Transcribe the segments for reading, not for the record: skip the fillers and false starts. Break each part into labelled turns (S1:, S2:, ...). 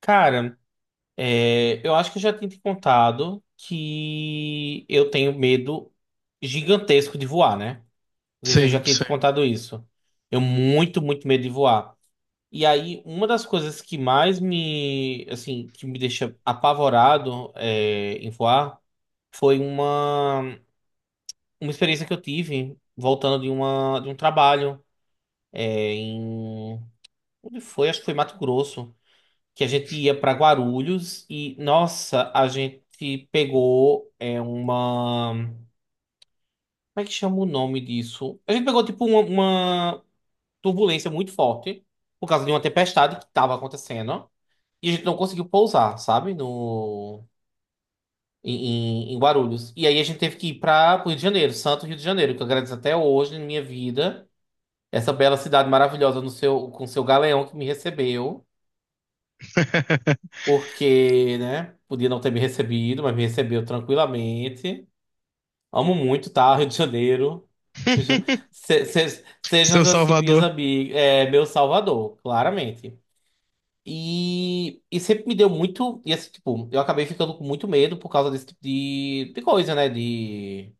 S1: Cara, eu acho que eu já tinha te contado que eu tenho medo gigantesco de voar, né? Não sei se eu já
S2: Sim,
S1: tinha te
S2: sim.
S1: contado isso. Eu muito, muito medo de voar. E aí, uma das coisas que mais me, assim, que me deixa apavorado, em voar foi uma experiência que eu tive voltando de de um trabalho, é, em, onde foi? Acho que foi Mato Grosso. Que a gente ia para Guarulhos e, nossa, a gente pegou é uma. Como é que chama o nome disso? A gente pegou, tipo, uma turbulência muito forte por causa de uma tempestade que estava acontecendo e a gente não conseguiu pousar, sabe? No. Em Guarulhos. E aí a gente teve que ir para o Rio de Janeiro, Santo Rio de Janeiro, que eu agradeço até hoje na minha vida. Essa bela cidade maravilhosa no seu, com seu galeão que me recebeu. Porque, né, podia não ter me recebido, mas me recebeu tranquilamente. Amo muito, tá? Rio de Janeiro. Sejam, sejam
S2: Seu
S1: assim minhas
S2: Salvador.
S1: amigas, é, meu salvador, claramente. E sempre me deu muito. E assim, tipo, eu acabei ficando com muito medo por causa desse tipo de coisa, né? De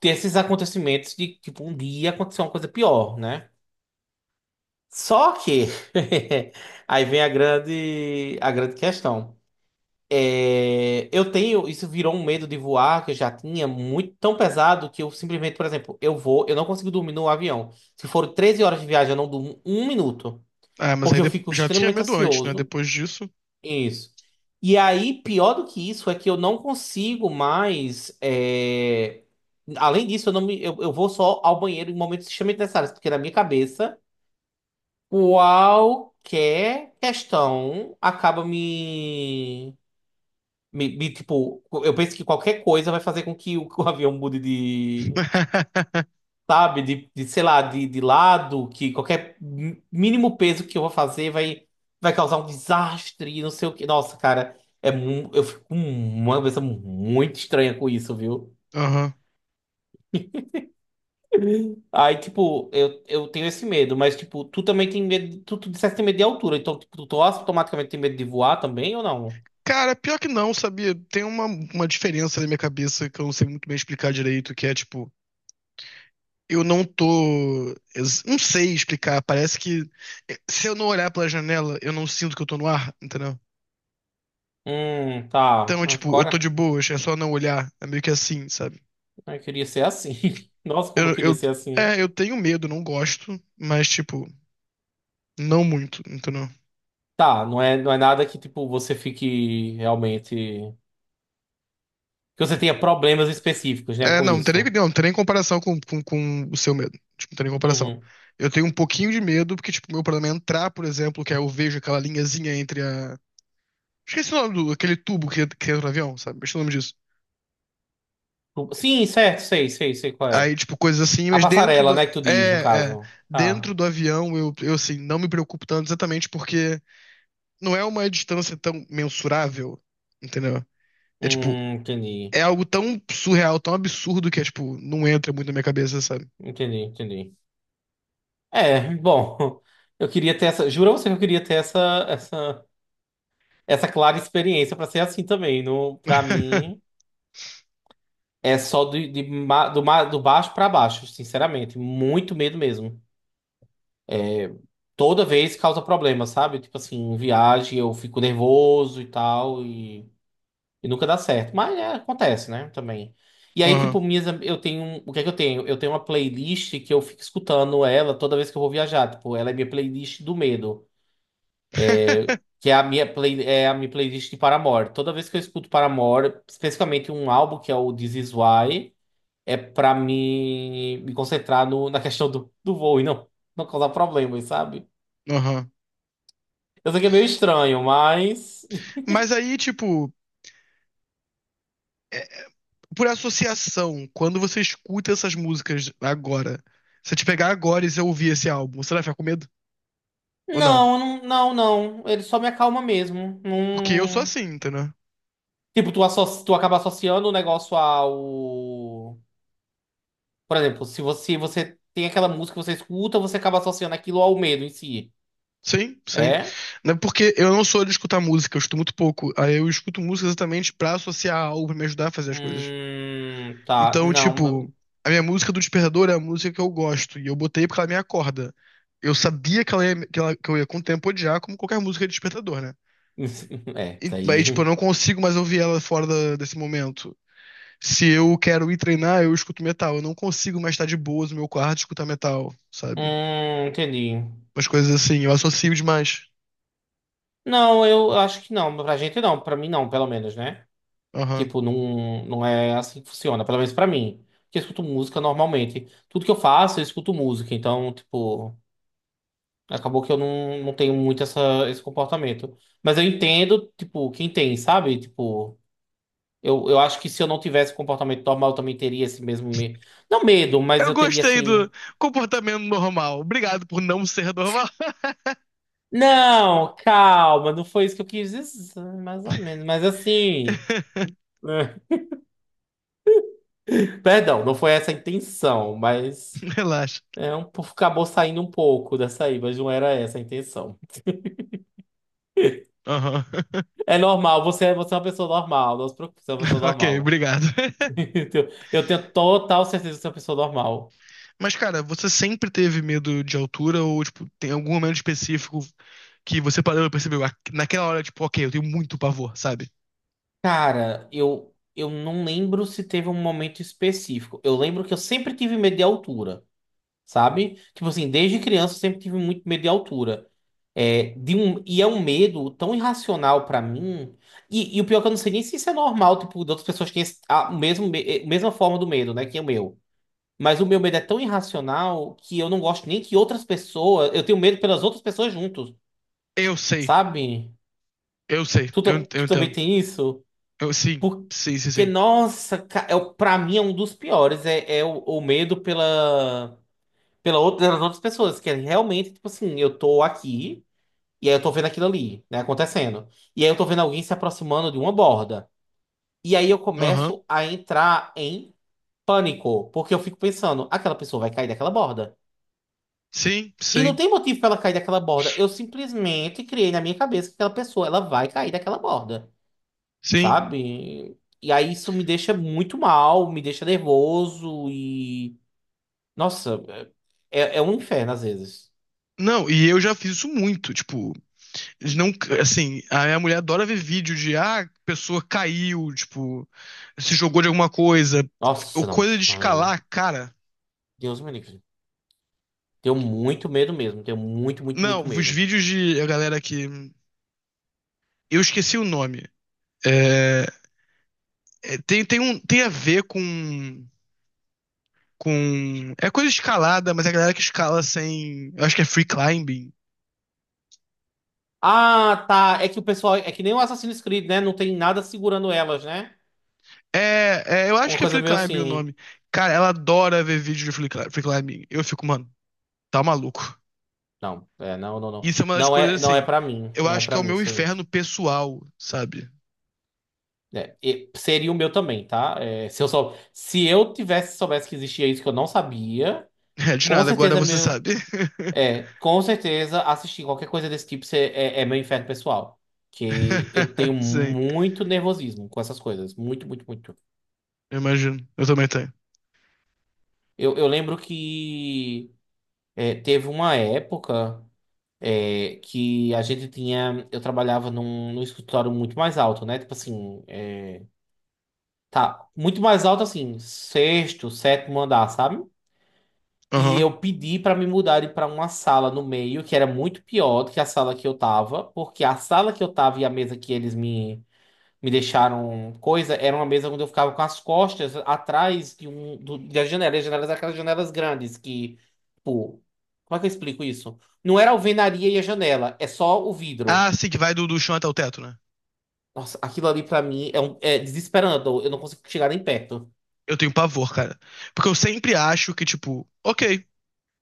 S1: ter esses acontecimentos de, tipo, um dia acontecer uma coisa pior, né? Só que aí vem a grande questão. É, eu tenho, isso virou um medo de voar que eu já tinha muito tão pesado que eu simplesmente, por exemplo, eu vou, eu não consigo dormir no avião. Se for 13 horas de viagem, eu não durmo um minuto,
S2: Ah, mas aí
S1: porque eu fico
S2: já tinha
S1: extremamente
S2: medo antes, né?
S1: ansioso.
S2: Depois disso.
S1: Isso. E aí, pior do que isso, é que eu não consigo mais. Além disso, eu não me, eu vou só ao banheiro em momentos extremamente necessários, porque na minha cabeça, qualquer questão acaba me tipo, eu penso que qualquer coisa vai fazer com que que o avião mude de, sabe, de, sei lá, de lado, que qualquer mínimo peso que eu vou fazer vai, vai causar um desastre, e não sei o que. Nossa, cara, eu fico com uma cabeça muito estranha com isso, viu?
S2: Aham.
S1: Aí, tipo, eu tenho esse medo, mas, tipo, tu também tem medo, tu disseste que tem medo de altura, então, tipo, tu automaticamente tem medo de voar também ou não?
S2: Cara, pior que não, sabia? Tem uma diferença na minha cabeça que eu não sei muito bem explicar direito, que é tipo, eu não tô. Não sei explicar. Parece que se eu não olhar pela janela, eu não sinto que eu tô no ar, entendeu?
S1: Tá.
S2: Então, tipo, eu tô
S1: Agora,
S2: de boas, é só não olhar. É meio que assim, sabe?
S1: eu queria ser assim. Nossa, como eu
S2: Eu,
S1: queria
S2: eu,
S1: ser assim.
S2: eu tenho medo, não gosto, mas, tipo, não muito, entendeu?
S1: Tá, não é nada que, tipo, você fique realmente. Que você tenha problemas específicos, né,
S2: É,
S1: com
S2: não,
S1: isso.
S2: não tem nem comparação com, com o seu medo. Tipo, não tem nem comparação.
S1: Uhum.
S2: Eu tenho um pouquinho de medo, porque, tipo, meu problema é entrar, por exemplo, que aí eu vejo aquela linhazinha entre a. Esqueci o nome do, aquele tubo que entra no avião, sabe? Esqueci o nome disso.
S1: Sim, certo, sei, sei, sei qual é.
S2: Aí, tipo, coisas assim,
S1: A
S2: mas dentro
S1: passarela,
S2: da.
S1: né, que tu diz, no
S2: É, é.
S1: caso. Tá.
S2: Dentro do avião, eu, assim, não me preocupo tanto exatamente porque não é uma distância tão mensurável, entendeu? É, tipo,
S1: Entendi.
S2: é algo tão surreal, tão absurdo que é, tipo, não entra muito na minha cabeça, sabe?
S1: Entendi, entendi. É, bom, eu queria ter essa. Juro a você que eu queria ter essa clara experiência pra ser assim também. No, para mim, é só do, do baixo pra baixo, sinceramente. Muito medo mesmo. Toda vez causa problema, sabe? Tipo assim, em viagem eu fico nervoso e tal, e nunca dá certo. Mas é, acontece, né? Também. E aí,
S2: Aham.
S1: tipo, eu tenho. O que é que eu tenho? Eu tenho uma playlist que eu fico escutando ela toda vez que eu vou viajar. Tipo, ela é minha playlist do medo. Que é a minha, é a minha playlist de Paramore. Toda vez que eu escuto Paramore, especificamente um álbum que é o This Is Why, é pra me concentrar no, na questão do, do voo e não, não causar problemas, sabe?
S2: Aham.
S1: Eu sei que é meio estranho, mas.
S2: Mas aí, tipo, é, por associação, quando você escuta essas músicas agora, se eu te pegar agora e você ouvir esse álbum, você vai ficar com medo? Ou não?
S1: Não. Ele só me acalma mesmo.
S2: Porque eu sou
S1: Não...
S2: assim, entendeu?
S1: Tipo, tu acaba associando o negócio ao. Por exemplo, se você, você tem aquela música que você escuta, você acaba associando aquilo ao medo em si.
S2: Sim, sim.
S1: É?
S2: Não é porque eu não sou de escutar música, eu escuto muito pouco. Aí eu escuto música exatamente pra associar algo, pra me ajudar a fazer as coisas.
S1: Tá.
S2: Então,
S1: Não. Mas-
S2: tipo, a minha música do despertador é a música que eu gosto, e eu botei porque ela me acorda. Eu sabia que, ela ia- que, ela- que eu ia com o tempo odiar, como qualquer música de despertador, né?
S1: É,
S2: E,
S1: isso
S2: mas, tipo, eu
S1: aí.
S2: não consigo mais ouvir ela fora desse momento. Se eu quero ir treinar, eu escuto metal. Eu não consigo mais estar de boas no meu quarto e escutar metal, sabe?
S1: Entendi.
S2: Umas coisas assim, eu associo demais.
S1: Não, eu acho que não. Pra gente não. Pra mim não, pelo menos, né?
S2: Aham.
S1: Tipo, não, não é assim que funciona. Pelo menos pra mim. Porque eu escuto música normalmente. Tudo que eu faço, eu escuto música. Então, tipo. Acabou que eu não, não tenho muito essa, esse comportamento. Mas eu entendo, tipo, quem tem, sabe? Tipo, eu acho que se eu não tivesse comportamento normal, eu também teria esse mesmo medo. Não medo, mas
S2: Eu
S1: eu teria
S2: gostei
S1: esse.
S2: do comportamento normal. Obrigado por não ser normal.
S1: Não, calma, não foi isso que eu quis dizer, mais ou menos. Mas assim. Perdão, não foi essa a intenção, mas.
S2: Relaxa.
S1: É um, acabou saindo um pouco dessa aí, mas não era essa a intenção.
S2: Aham.
S1: É normal, você é uma pessoa normal, não se preocupe, você é uma pessoa
S2: Ok,
S1: normal.
S2: obrigado.
S1: Eu tenho total certeza que você é uma pessoa normal.
S2: Mas, cara, você sempre teve medo de altura ou, tipo, tem algum momento específico que você parou e percebeu, "Ah, naquela hora, tipo, ok, eu tenho muito pavor, sabe?"
S1: Cara, eu não lembro se teve um momento específico. Eu lembro que eu sempre tive medo de altura, sabe? Tipo assim, desde criança eu sempre tive muito medo de altura. É, de um, e é um medo tão irracional pra mim. E o pior é que eu não sei nem se isso é normal, tipo, de outras pessoas que têm a mesma forma do medo, né? Que é o meu. Mas o meu medo é tão irracional que eu não gosto nem que outras pessoas. Eu tenho medo pelas outras pessoas juntos,
S2: Eu sei.
S1: sabe?
S2: Eu sei, eu
S1: Tu também
S2: entendo.
S1: tem isso?
S2: Eu, sim, sim, sim,
S1: Porque,
S2: sim.
S1: nossa, pra mim é um dos piores. É, é o medo pela, pela outra, pelas outras pessoas. Que é realmente, tipo assim, eu tô aqui e aí eu tô vendo aquilo ali, né, acontecendo. E aí eu tô vendo alguém se aproximando de uma borda. E aí eu
S2: Aham.
S1: começo a entrar em pânico. Porque eu fico pensando, aquela pessoa vai cair daquela borda.
S2: Sim,
S1: E não
S2: sim,
S1: tem motivo pra ela cair daquela borda. Eu simplesmente criei na minha cabeça que aquela pessoa, ela vai cair daquela borda.
S2: sim.
S1: Sabe? E aí isso me deixa muito mal, me deixa nervoso e. Nossa, é um inferno às vezes.
S2: Não, e eu já fiz isso muito, tipo, eles não, assim, a minha mulher adora ver vídeo de, ah, a pessoa caiu, tipo, se jogou de alguma coisa, ou
S1: Nossa, não.
S2: coisa de
S1: Ai,
S2: escalar, cara.
S1: Deus me livre. Tenho muito medo mesmo, tenho muito, muito,
S2: Não,
S1: muito
S2: os
S1: medo.
S2: vídeos de a galera que, eu esqueci o nome. É, é, tem um, tem a ver com, é coisa de escalada, mas é a galera que escala sem, eu acho que é free climbing.
S1: Ah, tá. É que o pessoal. É que nem o Assassin's Creed, né? Não tem nada segurando elas, né?
S2: É, é, eu acho
S1: Uma
S2: que é
S1: coisa
S2: free
S1: meio
S2: climbing o
S1: assim.
S2: nome. Cara, ela adora ver vídeo de free climbing. Eu fico, mano, tá maluco.
S1: Não.
S2: Isso é uma das coisas
S1: Não é
S2: assim.
S1: pra mim.
S2: Eu
S1: Não é
S2: acho que
S1: pra
S2: é o
S1: mim
S2: meu
S1: isso aí.
S2: inferno pessoal, sabe?
S1: É, e seria o meu também, tá? É, se eu sou, se eu tivesse soubesse que existia isso que eu não sabia.
S2: É, de
S1: Com
S2: nada, agora
S1: certeza, é
S2: você
S1: meu.
S2: sabe.
S1: É, com certeza, assistir qualquer coisa desse tipo é meu inferno pessoal. Que eu tenho
S2: Sim,
S1: muito nervosismo com essas coisas. Muito, muito, muito.
S2: eu imagino. Eu também tenho.
S1: Eu lembro que teve uma época que a gente tinha. Eu trabalhava num, num escritório muito mais alto, né? Tipo assim, é, tá. Muito mais alto, assim, sexto, sétimo andar, sabe? E
S2: Aham.
S1: eu pedi para me mudarem para uma sala no meio, que era muito pior do que a sala que eu tava, porque a sala que eu tava e a mesa que eles me, me deixaram coisa, era uma mesa onde eu ficava com as costas atrás de um, do, das janelas. E as janelas, eram aquelas janelas grandes que, tipo, como é que eu explico isso? Não era a alvenaria e a janela, é só o vidro.
S2: Ah, sim, que vai do chão até o teto, né?
S1: Nossa, aquilo ali para mim é, um, é desesperando, eu não consigo chegar nem perto.
S2: Eu tenho pavor, cara. Porque eu sempre acho que, tipo, ok,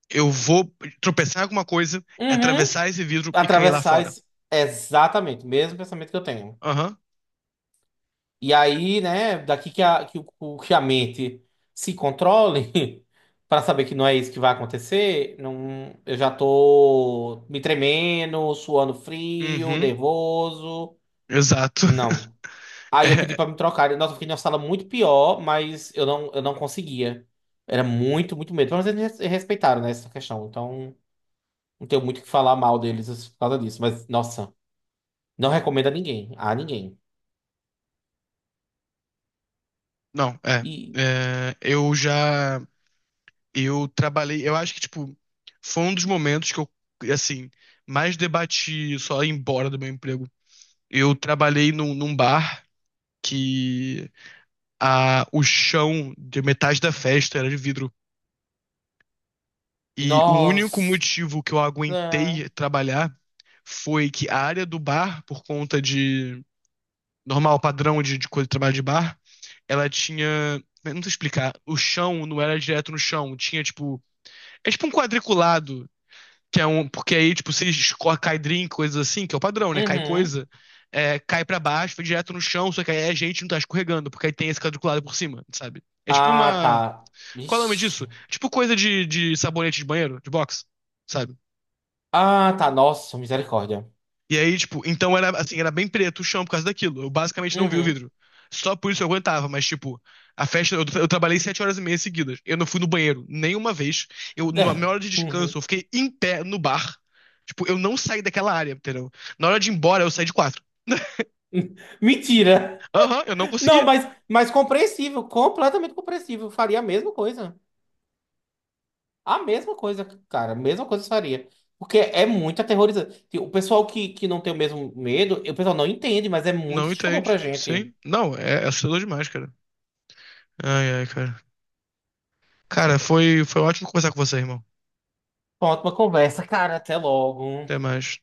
S2: eu vou tropeçar em alguma coisa,
S1: Uhum.
S2: atravessar esse vidro e cair lá
S1: Atravessar
S2: fora.
S1: esse... Exatamente, o mesmo pensamento que eu tenho.
S2: Aham.
S1: E aí, né, daqui que que a mente se controle, para saber que não é isso que vai acontecer, não, eu já tô me tremendo, suando frio,
S2: Uhum.
S1: nervoso.
S2: Exato.
S1: Não. Aí eu pedi
S2: É.
S1: para me trocar. Nossa, eu fiquei numa sala muito pior, mas eu não conseguia. Era muito, muito medo. Mas eles respeitaram, né, essa questão. Então, não tenho muito o que falar mal deles por causa disso. Mas, nossa, não recomendo a ninguém. A ninguém.
S2: Não, é.
S1: E,
S2: É, eu já. Eu trabalhei. Eu acho que, tipo, foi um dos momentos que eu, assim, mais debati só ir embora do meu emprego. Eu trabalhei num bar que o chão de metade da festa era de vidro. E o único
S1: nossa.
S2: motivo que eu aguentei trabalhar foi que a área do bar, por conta de normal padrão de coisa de trabalho de bar, ela tinha. Eu não sei explicar. O chão não era direto no chão. Tinha, tipo, é tipo um quadriculado, que é um. Porque aí, tipo, se escorre- cai drink, coisas assim, que é o padrão, né? Cai
S1: Uhum.
S2: coisa, cai pra baixo, vai direto no chão, só que aí a gente não tá escorregando, porque aí tem esse quadriculado por cima, sabe? É tipo
S1: Ah,
S2: uma.
S1: tá.
S2: Qual é o nome disso? É
S1: Ixi.
S2: tipo coisa de sabonete de banheiro, de box, sabe?
S1: Ah, tá. Nossa, misericórda.
S2: E aí, tipo, então era assim, era bem preto o chão por causa daquilo. Eu basicamente não vi o
S1: Uhum.
S2: vidro. Só por isso eu aguentava, mas tipo, a festa, eu trabalhei 7 horas e meia seguidas. Eu não fui no banheiro nenhuma vez. Eu, na minha hora de descanso,
S1: Uhum.
S2: eu fiquei em pé no bar. Tipo, eu não saí daquela área, entendeu? Na hora de ir embora, eu saí de quatro.
S1: Mentira.
S2: Aham, eu não
S1: Não,
S2: consegui.
S1: mas compreensível, completamente compreensível. Faria a mesma coisa. A mesma coisa, cara. A mesma coisa eu faria. Porque é muito aterrorizante. Tipo, o pessoal que não tem o mesmo medo, o pessoal não entende, mas é muito
S2: Não
S1: assustador pra
S2: entende.
S1: gente.
S2: Sim. Não, é assustador demais, cara. Ai, ai, cara. Cara, foi ótimo conversar com você, irmão.
S1: Pronto, uma conversa, cara. Até logo.
S2: Até mais.